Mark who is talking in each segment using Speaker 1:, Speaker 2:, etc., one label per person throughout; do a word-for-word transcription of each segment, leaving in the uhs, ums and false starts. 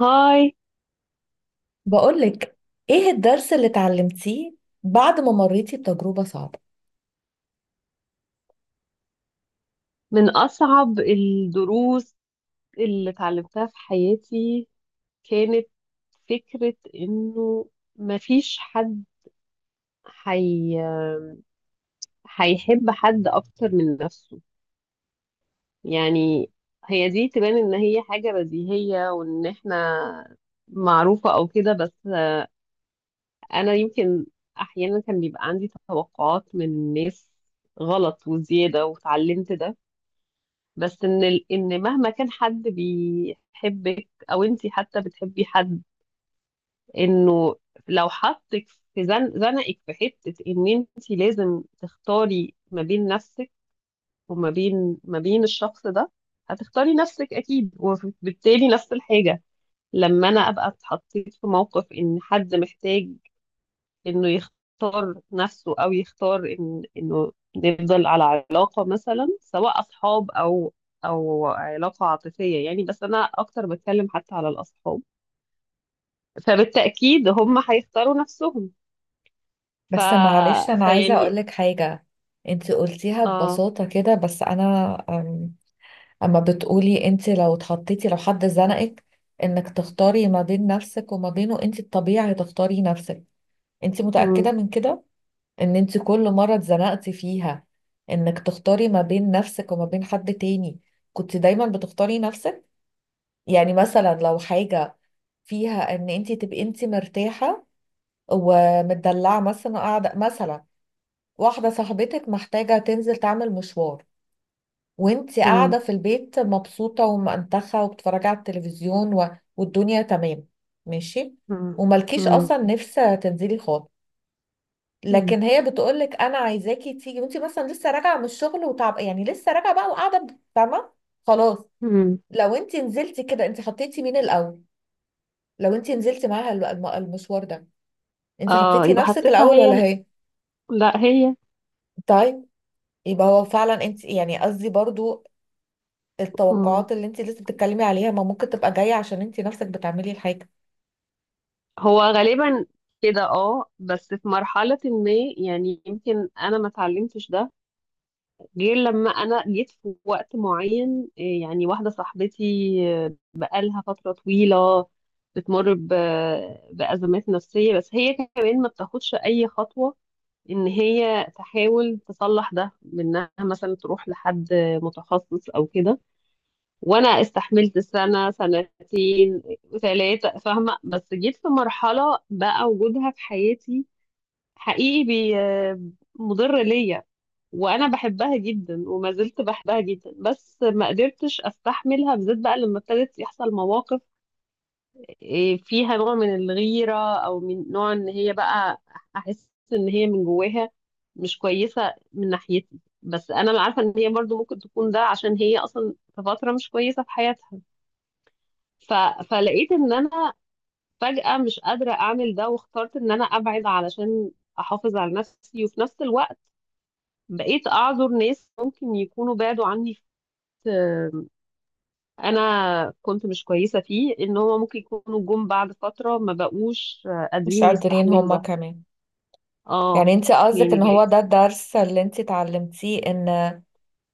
Speaker 1: هاي.
Speaker 2: بقولك، ايه الدرس اللي اتعلمتيه بعد ما مريتي بتجربة صعبة؟
Speaker 1: من أصعب الدروس اللي اتعلمتها في حياتي كانت فكرة إنه مفيش حد حي... هيحب حد أكتر من نفسه. يعني هي دي تبان إن هي حاجة بديهية وإن إحنا معروفة أو كده، بس أنا يمكن أحيانا كان بيبقى عندي توقعات من الناس غلط وزيادة، وتعلمت ده. بس ان ال- ان مهما كان حد بيحبك او انت حتى بتحبي حد، انه لو حطك في زن زنقك في حته ان انت لازم تختاري ما بين نفسك وما بين ما بين الشخص ده، هتختاري نفسك اكيد. وبالتالي نفس الحاجه، لما انا ابقى اتحطيت في موقف ان حد محتاج انه يختار نفسه او يختار إن انه يفضل على علاقة، مثلا سواء اصحاب او او علاقة عاطفية، يعني بس انا اكتر بتكلم حتى على الاصحاب، فبالتأكيد هم هيختاروا نفسهم. ف
Speaker 2: بس معلش، انا عايزة
Speaker 1: فيعني،
Speaker 2: اقولك حاجة. انت قلتيها
Speaker 1: اه.
Speaker 2: ببساطة كده، بس انا أم، اما بتقولي انت، لو اتحطيتي لو حد زنقك انك تختاري ما بين نفسك وما بينه، انت الطبيعي تختاري نفسك. انت
Speaker 1: مم.
Speaker 2: متأكدة من كده؟ ان انت كل مرة اتزنقتي فيها انك تختاري ما بين نفسك وما بين حد تاني كنت دايما بتختاري نفسك؟ يعني مثلا لو حاجة فيها ان انت تبقي انت مرتاحة ومتدلعة، مثلا قاعدة، مثلا واحدة صاحبتك محتاجة تنزل تعمل مشوار، وانت
Speaker 1: مم.
Speaker 2: قاعدة في البيت مبسوطة ومنتخة وبتتفرجي على التلفزيون و... والدنيا تمام، ماشي،
Speaker 1: مم.
Speaker 2: وملكيش
Speaker 1: مم.
Speaker 2: اصلا نفس تنزلي خالص.
Speaker 1: مم.
Speaker 2: لكن هي بتقولك انا عايزاكي تيجي، وانت مثلا لسه راجعه من الشغل وتعب، يعني لسه راجعه بقى وقاعده، فاهمه؟ خلاص.
Speaker 1: مم.
Speaker 2: لو انت نزلتي كده، انت حطيتي مين الاول؟ لو انت نزلتي معاها الم- الم- المشوار ده، انت
Speaker 1: اه،
Speaker 2: حطيتي
Speaker 1: يبقى
Speaker 2: نفسك
Speaker 1: حطيتها
Speaker 2: الاول
Speaker 1: هي
Speaker 2: ولا
Speaker 1: ال-
Speaker 2: هي؟
Speaker 1: لا هي.
Speaker 2: طيب. يبقى هو فعلا انت، يعني قصدي برضو،
Speaker 1: مم.
Speaker 2: التوقعات اللي انت لسه بتتكلمي عليها ما ممكن تبقى جاية عشان انت نفسك بتعملي الحاجة؟
Speaker 1: هو غالبا كده، اه، بس في مرحلة ما، يعني يمكن انا ما اتعلمتش ده غير لما انا جيت في وقت معين، إيه، يعني واحده صاحبتي، آه، بقالها فتره طويله بتمر ب- بازمات نفسيه، بس هي كمان ما بتاخدش اي خطوه ان هي تحاول تصلح ده، بانها مثلا تروح لحد متخصص او كده. وانا استحملت سنه، سنتين، ثلاثه، فاهمه، بس جيت في مرحله بقى وجودها في حياتي حقيقي بي مضر ليا. وانا بحبها جدا، وما زلت بحبها جدا، بس ما قدرتش استحملها، بالذات بقى لما ابتدت يحصل مواقف إيه، فيها نوع من الغيرة، او من نوع ان هي بقى احس ان هي من جواها مش كويسة من ناحيتي، بس انا عارفة ان هي برضو ممكن تكون ده عشان هي اصلا في فترة مش كويسة في حياتها. ف... فلقيت ان انا فجأة مش قادرة اعمل ده، واخترت ان انا ابعد علشان احافظ على نفسي. وفي نفس الوقت بقيت أعذر ناس ممكن يكونوا بعدوا عني في وقت أنا كنت مش كويسة فيه، إن هما ممكن يكونوا جم بعد فترة ما بقوش
Speaker 2: مش
Speaker 1: قادرين
Speaker 2: قادرين
Speaker 1: يستحملوا
Speaker 2: هما
Speaker 1: ده.
Speaker 2: كمان.
Speaker 1: اه.
Speaker 2: يعني انت قصدك
Speaker 1: يعني
Speaker 2: ان هو
Speaker 1: بقيت،
Speaker 2: ده الدرس اللي انت اتعلمتيه، ان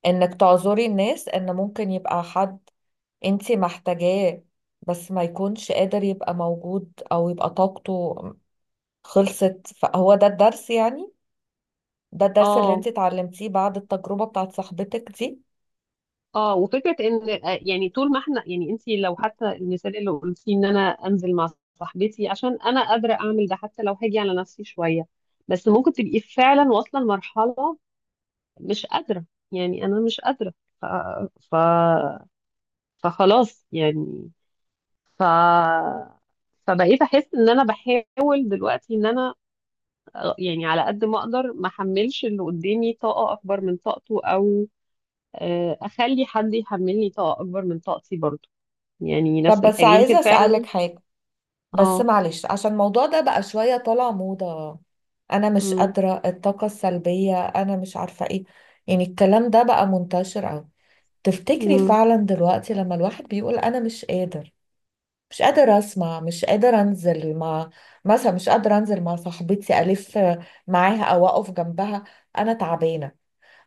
Speaker 2: انك تعذري الناس، ان ممكن يبقى حد انت محتاجاه بس ما يكونش قادر يبقى موجود او يبقى طاقته خلصت، فهو ده الدرس يعني؟ ده الدرس اللي انت
Speaker 1: اه
Speaker 2: اتعلمتيه بعد التجربة بتاعت صاحبتك دي؟
Speaker 1: اه وفكرة إن، آه، يعني طول ما احنا، يعني انت لو حتى المثال اللي قلتيه إن أنا أنزل مع صاحبتي عشان أنا قادرة أعمل ده، حتى لو هاجي على نفسي شوية، بس ممكن تبقي فعلا واصلة لمرحلة مش قادرة، يعني أنا مش قادرة. ف... ف... فخلاص يعني. ف فبقيت احس ان انا بحاول دلوقتي ان انا، آه، يعني على قد ما اقدر ما احملش اللي قدامي طاقه اكبر من طاقته، او آه، اخلي حد يحملني طاقه اكبر من طاقتي برضه، يعني
Speaker 2: طب
Speaker 1: نفس
Speaker 2: بس
Speaker 1: الحاجه يمكن
Speaker 2: عايزة اسألك
Speaker 1: فعلا.
Speaker 2: حاجة. بس
Speaker 1: اه.
Speaker 2: معلش، عشان الموضوع ده بقى شوية طالع موضة، انا مش
Speaker 1: امم.
Speaker 2: قادرة، الطاقة السلبية، انا مش عارفة ايه، يعني الكلام ده بقى منتشر اوي. تفتكري
Speaker 1: امم.
Speaker 2: فعلا دلوقتي لما الواحد بيقول انا مش قادر، مش قادر اسمع، مش قادر انزل مع، مثلا مش قادر انزل مع صاحبتي الف معاها او اقف جنبها، انا تعبانة،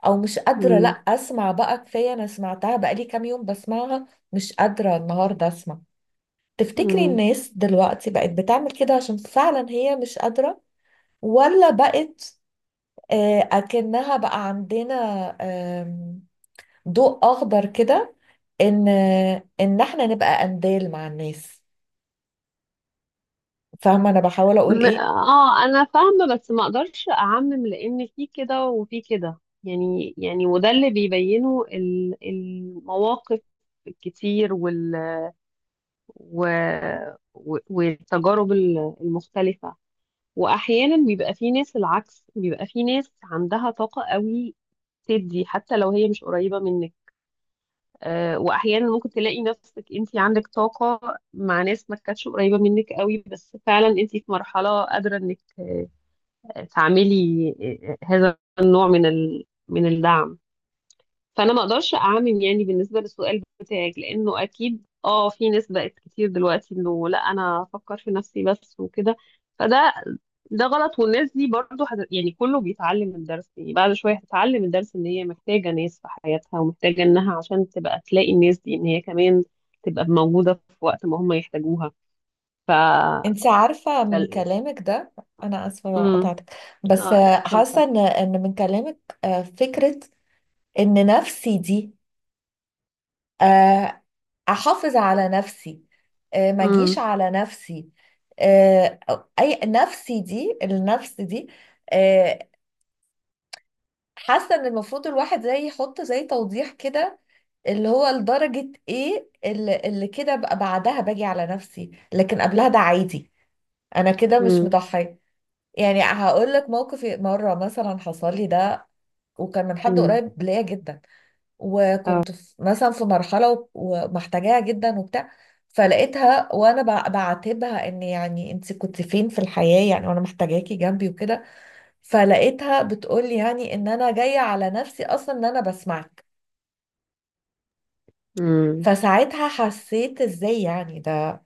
Speaker 2: او مش قادره لا
Speaker 1: امم.
Speaker 2: اسمع بقى، كفايه انا سمعتها بقالي كام يوم بسمعها، مش قادره النهارده اسمع، تفتكري
Speaker 1: امم.
Speaker 2: الناس دلوقتي بقت بتعمل كده عشان فعلا هي مش قادره، ولا بقت آه، اكنها بقى عندنا آم، ضوء اخضر كده ان ان احنا نبقى قنديل مع الناس؟ فاهمه انا بحاول اقول
Speaker 1: م-
Speaker 2: ايه؟
Speaker 1: اه انا فاهمه، بس ما اقدرش اعمم لان في كده وفي كده يعني. يعني وده اللي بيبينه ال- المواقف الكتير و... و... والتجارب ال- المختلفة. وأحيانا بيبقى في ناس العكس، بيبقى في ناس عندها طاقة قوي تدي حتى لو هي مش قريبة منك، آه، وأحيانا ممكن تلاقي نفسك أنت عندك طاقة مع ناس ما كانتش قريبة منك قوي، بس فعلا أنت في مرحلة قادرة إنك تعملي آه، آه، هذا النوع من ال... من الدعم. فانا ما اقدرش اعمم يعني بالنسبه للسؤال بتاعك، لانه اكيد اه في ناس بقت كتير دلوقتي انه لا انا افكر في نفسي بس وكده، فده ده غلط. والناس دي برضو حد... يعني كله بيتعلم الدرس، يعني بعد شويه هتتعلم الدرس ان هي محتاجه ناس في حياتها، ومحتاجه انها عشان تبقى تلاقي الناس دي ان هي كمان تبقى موجوده في وقت ما هم يحتاجوها. ف
Speaker 2: انت عارفه من
Speaker 1: فال-
Speaker 2: كلامك ده، انا اسفه
Speaker 1: امم.
Speaker 2: قطعتك، بس
Speaker 1: اه لا
Speaker 2: آه،
Speaker 1: اتفضل.
Speaker 2: حاسه ان ان من كلامك آه، فكره ان نفسي دي، آه، احافظ على نفسي، آه، ما اجيش
Speaker 1: امم.
Speaker 2: على نفسي، آه، أو- اي نفسي دي، النفس دي، آه، حاسه ان المفروض الواحد زي يحط زي توضيح كده، اللي هو لدرجه ايه اللي, اللي كده بقى بعدها باجي على نفسي، لكن قبلها ده عادي، انا كده مش
Speaker 1: امم.
Speaker 2: مضحيه. يعني هقول لك موقف مره مثلا حصل لي ده، وكان من حد قريب ليا جدا، وكنت في مثلا في مرحلة وب- ومحتاجاها جدا وبتاع، فلقيتها وانا بع- بعاتبها، ان يعني انت كنت فين في الحياة يعني، وانا محتاجاكي جنبي وكده، فلقيتها بتقولي يعني ان انا جاية على نفسي اصلا ان انا بسمعك.
Speaker 1: امم.
Speaker 2: فساعتها حسيت ازاي يعني ده،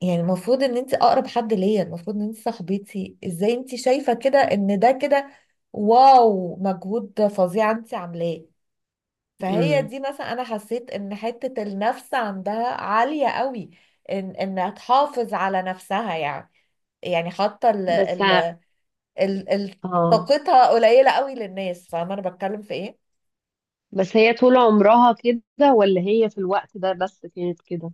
Speaker 2: يعني المفروض ان انت اقرب حد ليا، المفروض ان انت صاحبتي، ازاي انت شايفة كده ان ده كده؟ واو، مجهود فظيع انت عاملاه! فهي
Speaker 1: امم.
Speaker 2: دي مثلا، انا حسيت ان حتة النفس عندها عالية قوي، ان انها تحافظ على نفسها يعني، يعني حاطة ال
Speaker 1: بس
Speaker 2: ال ال ال
Speaker 1: اه
Speaker 2: طاقتها قليلة قوي للناس. فاهمة انا بتكلم في ايه؟
Speaker 1: بس هي طول عمرها كده ولا هي في الوقت ده بس كانت كده؟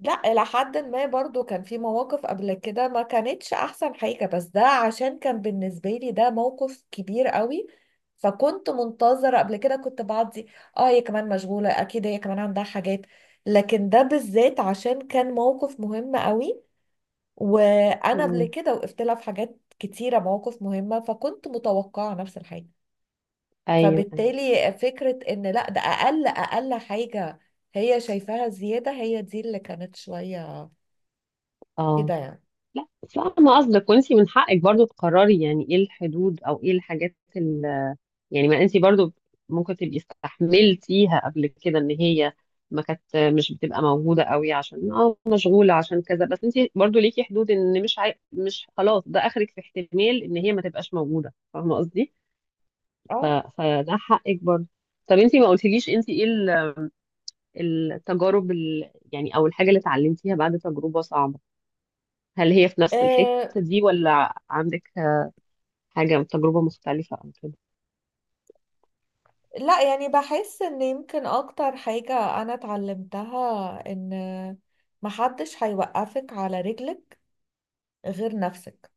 Speaker 2: لا، الى حد ما برضو كان في مواقف قبل كده ما كانتش احسن حاجة، بس ده عشان كان بالنسبة لي ده موقف كبير قوي. فكنت منتظرة. قبل كده كنت بعدي، اه هي كمان مشغولة، اكيد هي كمان عندها حاجات، لكن ده بالذات عشان كان موقف مهم قوي، وانا قبل
Speaker 1: مم.
Speaker 2: كده وقفت لها في حاجات كتيره، مواقف مهمه، فكنت متوقعه نفس الحاجه.
Speaker 1: ايوه، ايوه.
Speaker 2: فبالتالي فكره ان لا، ده اقل اقل حاجه هي شايفاها زياده، هي دي اللي كانت شويه
Speaker 1: اه،
Speaker 2: كده يعني.
Speaker 1: لا فاهمة قصدك، وانتي من حقك برضو تقرري يعني ايه الحدود او ايه الحاجات ال... يعني. ما انتي برضو ممكن تبقي استحملتيها قبل كده ان هي ما كانت مش بتبقى موجودة قوي عشان اه مشغولة عشان كذا، بس انتي برضو ليكي حدود، ان مش عاي... مش خلاص ده اخرك في احتمال ان هي ما تبقاش موجودة، فاهمة قصدي؟ ف...
Speaker 2: اه
Speaker 1: فده حقك برضو. طب انتي ما قلتليش انتي ايه ال... التجارب ال... يعني، او الحاجه اللي اتعلمتيها بعد تجربه صعبه؟ هل هي في نفس الحته
Speaker 2: آه،
Speaker 1: دي، ولا عندك حاجه، تجربه مختلفه او كده؟
Speaker 2: لا يعني بحس ان يمكن اكتر حاجه انا اتعلمتها، ان محدش هيوقفك على رجلك غير نفسك.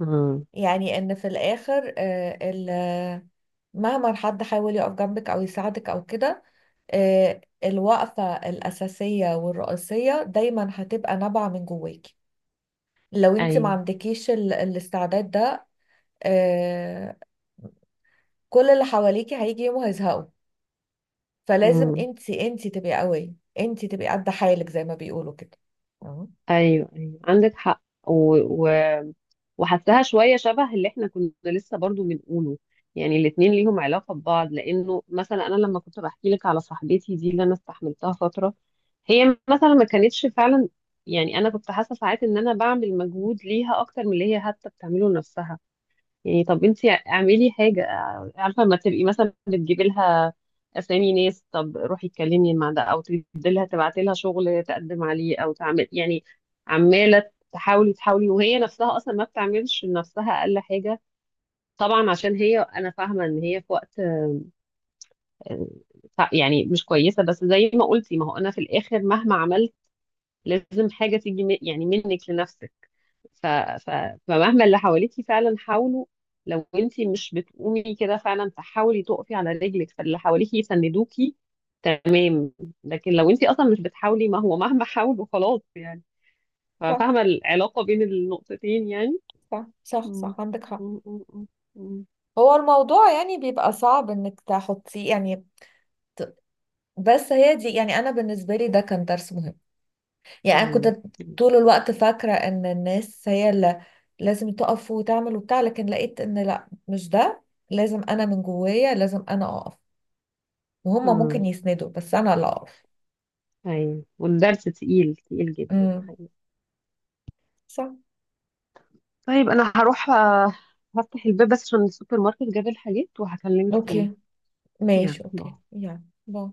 Speaker 1: امم.
Speaker 2: يعني ان في الاخر، آه، ال- مهما حد حاول يقف جنبك او يساعدك او كده، آه، الوقفة الأساسية والرئيسية دايما هتبقى نابعة من جواكي. لو انت ما
Speaker 1: ايوه.
Speaker 2: عندكيش ال- الاستعداد ده، آه، كل اللي حواليكي هيجي يوم وهيزهقوا. فلازم
Speaker 1: مم.
Speaker 2: انت انت تبقي قوية، انت تبقي قد حالك زي ما بيقولوا كده. أهو.
Speaker 1: ايوه، ايوه، عندك حق. و... و... وحسها شويه شبه اللي احنا كنا لسه برضو بنقوله، يعني الاتنين ليهم علاقه ببعض. لانه مثلا انا لما كنت بحكي لك على صاحبتي دي اللي انا استحملتها فتره، هي مثلا ما كانتش فعلا، يعني انا كنت حاسه ساعات ان انا بعمل مجهود ليها اكتر من اللي هي حتى بتعمله لنفسها. يعني طب انت اعملي حاجة، عارفة لما تبقي مثلا بتجيبي لها اسامي ناس، طب روحي اتكلمي مع ده، او تدي لها، تبعتي لها شغل تقدم عليه، او تعمل، يعني عمالة تحاولي تحاولي، وهي نفسها اصلا ما بتعملش لنفسها اقل حاجة. طبعا عشان هي، انا فاهمة ان هي في وقت آه، يعني مش كويسة، بس زي ما قلتي، ما هو انا في الاخر مهما عملت لازم حاجة تيجي من- يعني منك لنفسك. ف... ف... فمهما اللي حواليكي فعلا حاولوا، لو انتي مش بتقومي كده فعلا تحاولي تقفي على رجلك، فاللي حواليكي يسندوكي، تمام. لكن لو انتي اصلا مش بتحاولي ما هو مهما حاولوا خلاص يعني.
Speaker 2: صح،
Speaker 1: فاهمة العلاقة بين النقطتين يعني؟
Speaker 2: صح، صح،
Speaker 1: مم.
Speaker 2: صح، عندك حق.
Speaker 1: مم. مم. مم.
Speaker 2: هو الموضوع يعني بيبقى صعب انك تحطيه يعني، ت- بس هي دي، يعني انا بالنسبة لي ده كان درس مهم. يعني انا
Speaker 1: امم.
Speaker 2: كنت طول الوقت فاكرة ان الناس هي اللي لازم تقف وتعمل وبتاع، لكن لقيت ان لا، مش ده، لازم انا من جوايا، لازم انا اقف، وهم ممكن
Speaker 1: امم.
Speaker 2: يسندوا بس انا اللي اقف.
Speaker 1: ايوه، والدرس تقيل تقيل جدا
Speaker 2: امم.
Speaker 1: حقيقي.
Speaker 2: صح.
Speaker 1: طيب انا هروح، آه، هفتح الباب بس عشان السوبر ماركت جاب الحاجات، وهكلمك تاني.
Speaker 2: اوكي،
Speaker 1: يلا
Speaker 2: ماشي،
Speaker 1: باي.
Speaker 2: اوكي، يلا باي.